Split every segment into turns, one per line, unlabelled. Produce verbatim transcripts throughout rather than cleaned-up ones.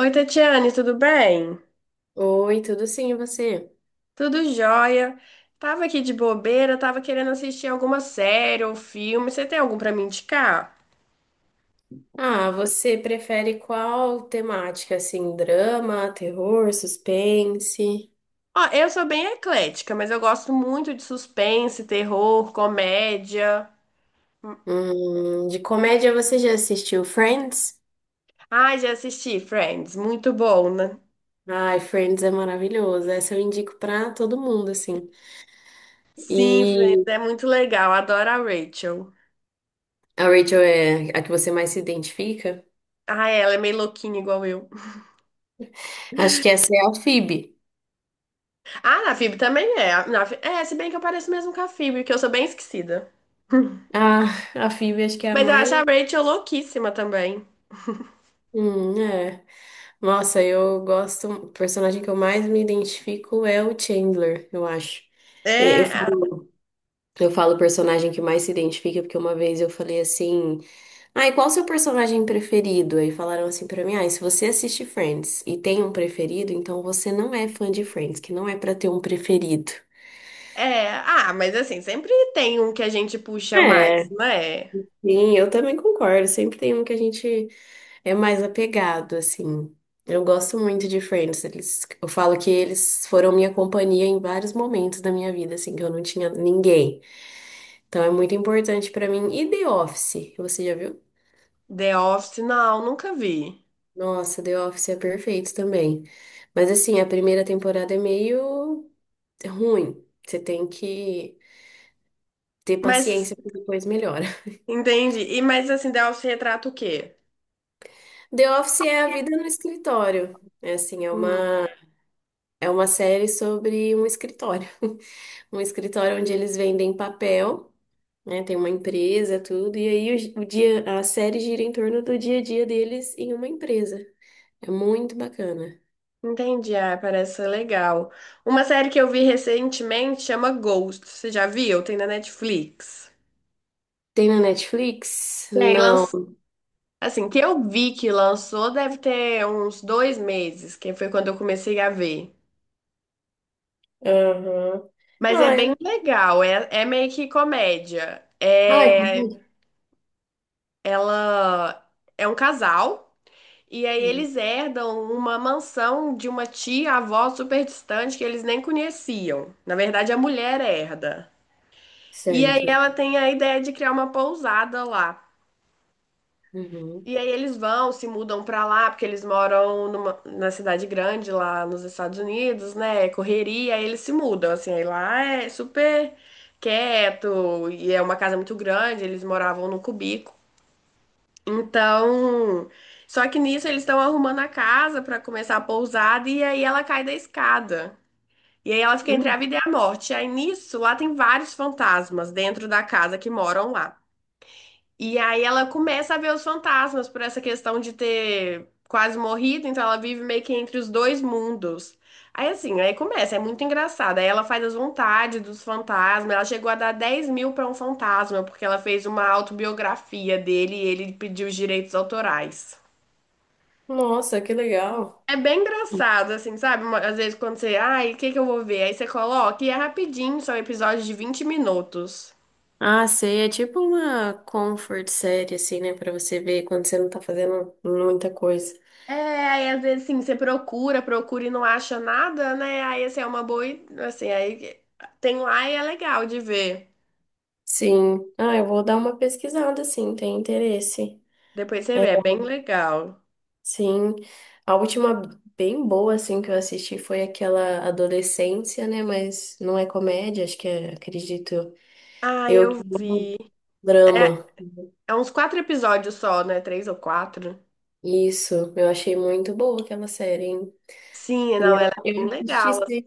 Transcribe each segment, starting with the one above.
Oi, Tatiane, tudo bem?
Oi, tudo sim, e você?
Tudo jóia. Tava aqui de bobeira, tava querendo assistir alguma série ou filme. Você tem algum pra me indicar?
Ah, você prefere qual temática, assim, drama, terror, suspense?
Ó, eu sou bem eclética, mas eu gosto muito de suspense, terror, comédia.
Hum, de comédia você já assistiu Friends?
Ah, já assisti Friends, muito bom, né?
Ai, Friends é maravilhoso, essa eu indico pra todo mundo, assim.
Sim, Friends,
E
é muito legal. Adoro a Rachel.
a Rachel é a que você mais se identifica?
Ah, ela é meio louquinha igual eu.
Acho que essa é a Phoebe.
Ah, na Phoebe também é. A- Na... Pho- É, se bem que eu pareço mesmo com a Phoebe, que eu sou bem esquecida.
Ah, a Phoebe acho que é a
Mas eu acho a
mais...
Rachel louquíssima também.
Hum, é. Nossa, eu gosto... O personagem que eu mais me identifico é o Chandler, eu acho. É, Eu
É, a-
Eu falo personagem que mais se identifica, porque uma vez eu falei assim, ah, e qual o seu personagem preferido? Aí falaram assim pra mim, ah, e se você assiste Friends e tem um preferido, então você não é fã de Friends, que não é pra ter um preferido.
é, ah, mas assim, sempre tem um que a gente puxa
É,
mais, não é?
sim, eu também concordo. Sempre tem um que a gente é mais apegado, assim. Eu gosto muito de Friends. Eles, eu falo que eles foram minha companhia em vários momentos da minha vida, assim, que eu não tinha ninguém. Então é muito importante pra mim. E The Office, você já viu?
The Office, não, nunca vi.
Nossa, The Office é perfeito também. Mas assim, a primeira temporada é meio ruim. Você tem que ter
Mas,
paciência porque depois melhora.
entendi. E, mas assim, The Office retrata o quê?
The Office é a vida no escritório. É assim, é
Hum,
uma é uma série sobre um escritório. Um escritório onde eles vendem papel, né? Tem uma empresa, tudo, e aí o, gi- o dia a série gira em torno do dia a dia deles em uma empresa. É muito bacana.
entendi, ah, parece ser legal. Uma série que eu vi recentemente chama Ghost, você já viu? Tem na Netflix.
Tem na Netflix?
Tem, lanç...
Não.
assim, que eu vi que lançou deve ter uns dois meses, que foi quando eu comecei a ver.
Aham.
Mas é
Ah,
bem legal, é, é meio que comédia.
Ah, é
É
verdade.
Ela é um casal e aí
Uhum.
eles herdam uma mansão de uma tia-avó super distante que eles nem conheciam. Na verdade, a mulher herda. E aí
Certo.
ela tem a ideia de criar uma pousada lá.
Uhum.
E aí eles vão, se mudam pra lá, porque eles moram numa, na cidade grande lá nos Estados Unidos, né? É correria, aí eles se mudam, assim, aí lá é super quieto e é uma casa muito grande, eles moravam num cubico. Então, só que nisso eles estão arrumando a casa para começar a pousada e aí ela cai da escada. E aí ela fica entre
Hum.
a vida e a morte. E aí nisso, lá tem vários fantasmas dentro da casa que moram lá. E aí ela começa a ver os fantasmas por essa questão de ter quase morrido, então ela vive meio que entre os dois mundos. Aí assim, aí começa, é muito engraçado. Aí ela faz as vontades dos fantasmas. Ela chegou a dar dez mil pra um fantasma, porque ela fez uma autobiografia dele e ele pediu os direitos autorais.
Nossa, que legal.
É bem engraçado, assim, sabe? Uma- Às vezes quando você, ai, o que que eu vou ver? Aí você coloca e é rapidinho, são episódios de vinte minutos.
Ah, sei, é tipo uma comfort série, assim, né? Pra você ver quando você não tá fazendo muita coisa.
É, aí às vezes assim, você procura, procura e não acha nada, né? Aí assim, é uma boa, i- assim, aí tem lá e é legal de ver.
Sim. Ah, eu vou dar uma pesquisada, sim, tem interesse.
Depois você vê,
É,
é bem legal.
Sim, a última bem boa, assim, que eu assisti foi aquela Adolescência, né? Mas não é comédia, acho que é, acredito
Ah,
eu,
eu
que é
vi.
um
É,
drama.
é uns quatro episódios só, né? Três ou quatro.
Isso, eu achei muito boa aquela série.
Sim,
E
não,
Eu,
ela é
eu
bem
assisti
legal.
sem,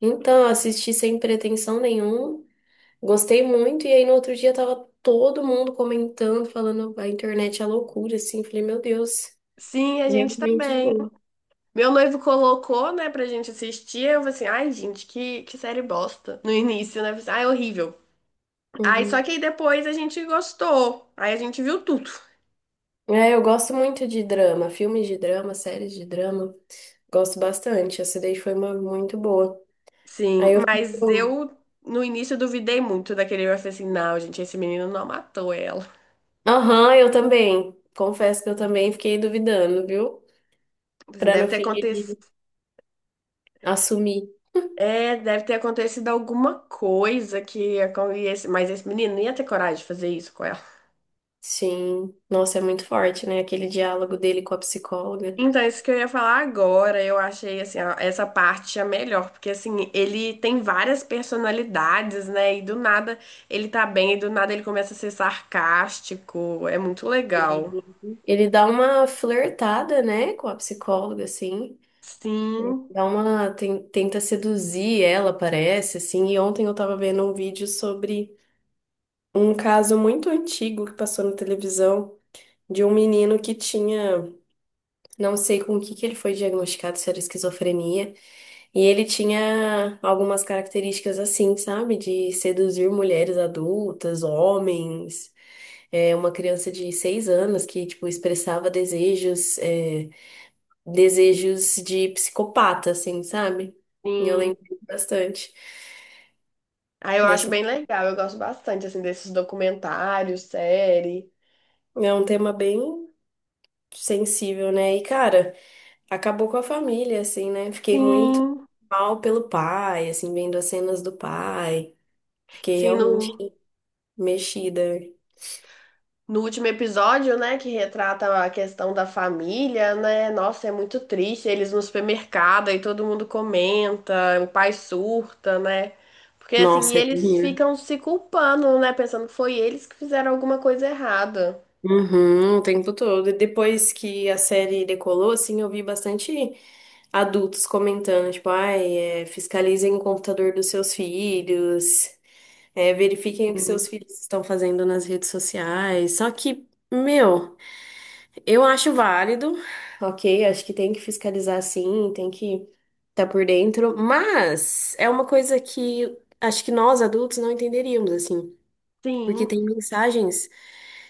então, assisti sem pretensão nenhuma, gostei muito, e aí no outro dia tava todo mundo comentando, falando a internet é loucura, assim, falei, meu Deus,
Sim, a gente
realmente é
também.
boa.
Meu noivo colocou, né, pra gente assistir. Eu falei assim, ai, gente, que, que série bosta. No início, né? Eu falei assim, ai, horrível. Aí só
Uhum.
que aí depois a gente gostou. Aí a gente viu tudo.
É, eu gosto muito de drama, filmes de drama, séries de drama, gosto bastante, essa daí foi uma muito boa.
Sim,
Aí eu
mas
fico,
eu no início eu duvidei muito daquele. Eu falei assim, não, gente, esse menino não matou ela.
aham, eu também, confesso que eu também fiquei duvidando, viu?
Tipo assim,
Pra
deve
no
ter
fim ele
acontecido.
assumir.
É, deve ter acontecido alguma coisa que acon- e esse- mas esse menino não ia ter coragem de fazer isso com ela.
Sim, nossa, é muito forte, né? Aquele diálogo dele com a psicóloga.
Então, é isso que eu ia falar agora, eu achei assim, ó, essa parte a melhor, porque assim, ele tem várias personalidades, né? E do nada ele tá bem, e do nada ele começa a ser sarcástico. É muito
Ele
legal.
ele dá uma flertada, né, com a psicóloga, assim. É,
Sim,
dá uma, ten- tenta seduzir ela, parece, assim. E ontem eu tava vendo um vídeo sobre um caso muito antigo que passou na televisão de um menino que tinha, não sei com o que que ele foi diagnosticado, se era esquizofrenia, e ele tinha algumas características assim, sabe? De seduzir mulheres adultas, homens. É uma criança de seis anos que, tipo, expressava desejos, é, desejos de psicopata, assim, sabe? E eu
sim.
lembro bastante
Aí eu acho
dessa.
bem legal, eu gosto bastante, assim, desses documentários, série.
É um tema bem sensível, né? E, cara, acabou com a família, assim, né? Fiquei muito
Sim,
mal pelo pai, assim, vendo as cenas do pai. Fiquei
sim,
realmente
no,
mexida.
no último episódio, né, que retrata a questão da família, né? Nossa, é muito triste, eles no supermercado e todo mundo comenta, o pai surta, né? Porque, assim, e
Nossa, é
eles
minha.
ficam se culpando, né, pensando que foi eles que fizeram alguma coisa errada.
Uhum, o tempo todo. E depois que a série decolou, assim, eu vi bastante adultos comentando, tipo, ai, é, fiscalizem o computador dos seus filhos, é, verifiquem o que seus
Sim,
filhos estão fazendo nas redes sociais. Só que, meu, eu acho válido, ok? Acho que tem que fiscalizar sim, tem que estar por dentro, mas é uma coisa que acho que nós adultos não entenderíamos, assim. Porque
sim,
tem mensagens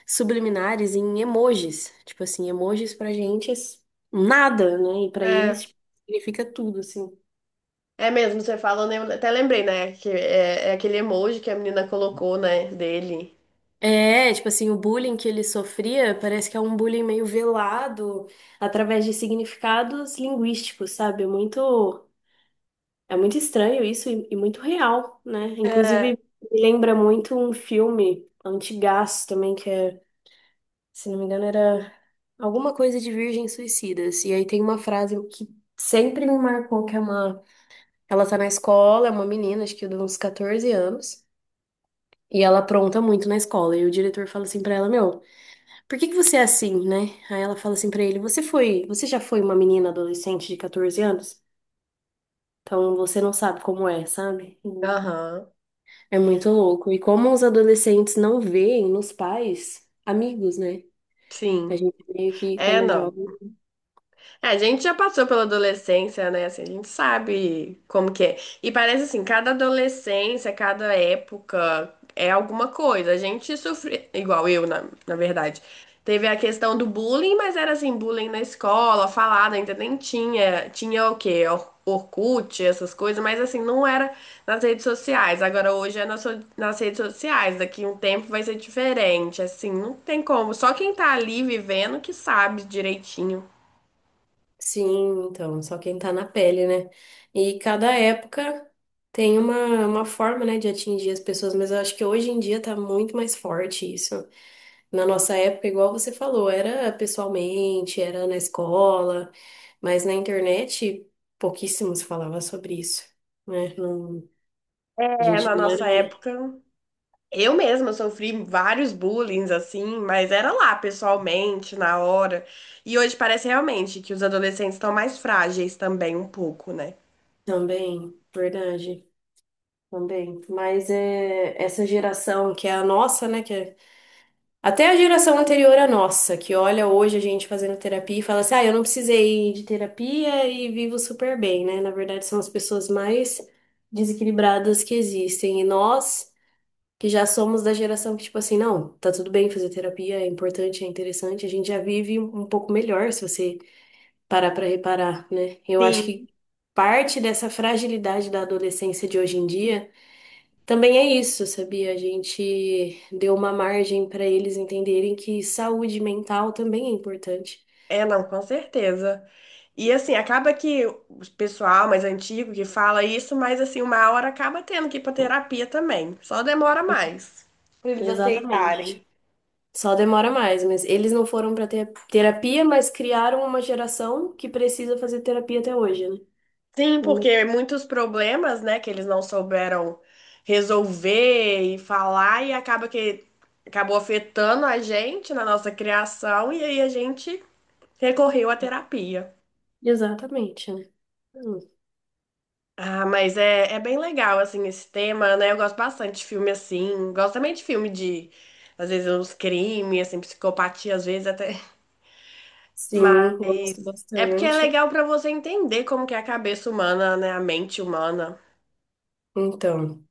subliminares em emojis. Tipo assim, emojis pra gente é nada, né? E pra eles,
é.
tipo, significa tudo, assim.
É mesmo, você falando, eu até lembrei, né, que é, é aquele emoji que a menina colocou, né, dele.
É, tipo assim, o bullying que ele sofria parece que é um bullying meio velado através de significados linguísticos, sabe? É muito, é muito estranho isso e, e muito real, né?
é
Inclusive, me lembra muito um filme antigaço também, que é, se não me engano, era alguma coisa de Virgens Suicidas. E aí tem uma frase que sempre me marcou, que é uma... Ela tá na escola, é uma menina, acho que de uns quatorze anos, e ela apronta muito na escola. E o diretor fala assim pra ela, meu... Por que que você é assim, né? Aí ela fala assim pra ele, você foi, você já foi uma menina adolescente de quatorze anos? Então você não sabe como é, sabe? Hum.
Aham,
É muito louco. E como os adolescentes não veem nos pais amigos, né? A
sim.
gente meio que
É,
quando é
não.
jovem.
É, a gente já passou pela adolescência, né? Assim, a gente sabe como que é. E parece assim, cada adolescência, cada época é alguma coisa. A gente sofre, igual eu, na, na verdade. Teve a questão do bullying, mas era assim, bullying na escola, falada, ainda nem tinha. Tinha o quê? Or- Orkut, essas coisas, mas assim, não era nas redes sociais. Agora hoje é nas, so- nas redes sociais. Daqui um tempo vai ser diferente. Assim, não tem como. Só quem tá ali vivendo que sabe direitinho.
Sim, então, só quem tá na pele, né? E cada época tem uma, uma forma, né, de atingir as pessoas, mas eu acho que hoje em dia tá muito mais forte isso. Na nossa época, igual você falou, era pessoalmente, era na escola, mas na internet pouquíssimo se falava sobre isso, né? Não, a
É,
gente
na
não era
nossa época, eu mesma sofri vários bullying, assim, mas era lá, pessoalmente, na hora. E hoje parece realmente que os adolescentes estão mais frágeis também, um pouco, né?
também, verdade, também. Mas é essa geração que é a nossa, né? Que é- até a geração anterior à nossa, que olha hoje a gente fazendo terapia e fala assim, ah, eu não precisei de terapia e vivo super bem, né? Na verdade, são as pessoas mais desequilibradas que existem. E nós que já somos da geração que, tipo assim, não, tá tudo bem fazer terapia, é importante, é interessante, a gente já vive um um pouco melhor se você parar pra reparar, né? Eu acho que
Sim.
parte dessa fragilidade da adolescência de hoje em dia também é isso, sabia? A gente deu uma margem pra eles entenderem que saúde mental também é importante.
É, não, com certeza. E assim, acaba que o pessoal mais antigo que fala isso, mas assim, uma hora acaba tendo que ir pra terapia também. Só demora mais pra eles
Exatamente.
aceitarem.
Só demora mais, mas eles não foram pra ter terapia, mas criaram uma geração que precisa fazer terapia até hoje, né?
Sim, porque muitos problemas, né, que eles não souberam resolver e falar, e acaba que acabou afetando a gente na nossa criação, e aí a gente recorreu à terapia.
Exatamente, né?
Ah, mas é, é bem legal, assim, esse tema, né? Eu gosto bastante de filme assim, gosto também de filme de, às vezes, uns crimes, assim, psicopatia, às vezes até. Mas
Sim, gosto
é porque é
bastante.
legal pra você entender como que é a cabeça humana, né, a mente humana.
Então,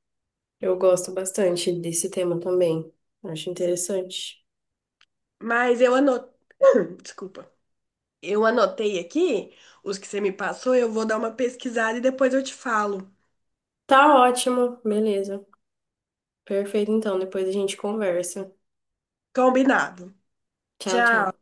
eu gosto bastante desse tema também. Acho interessante.
Mas eu anotei, desculpa. Eu anotei aqui os que você me passou, eu vou dar uma pesquisada e depois eu te falo.
Tá ótimo, beleza. Perfeito, então. Depois a gente conversa.
Combinado.
Tchau,
Tchau.
tchau.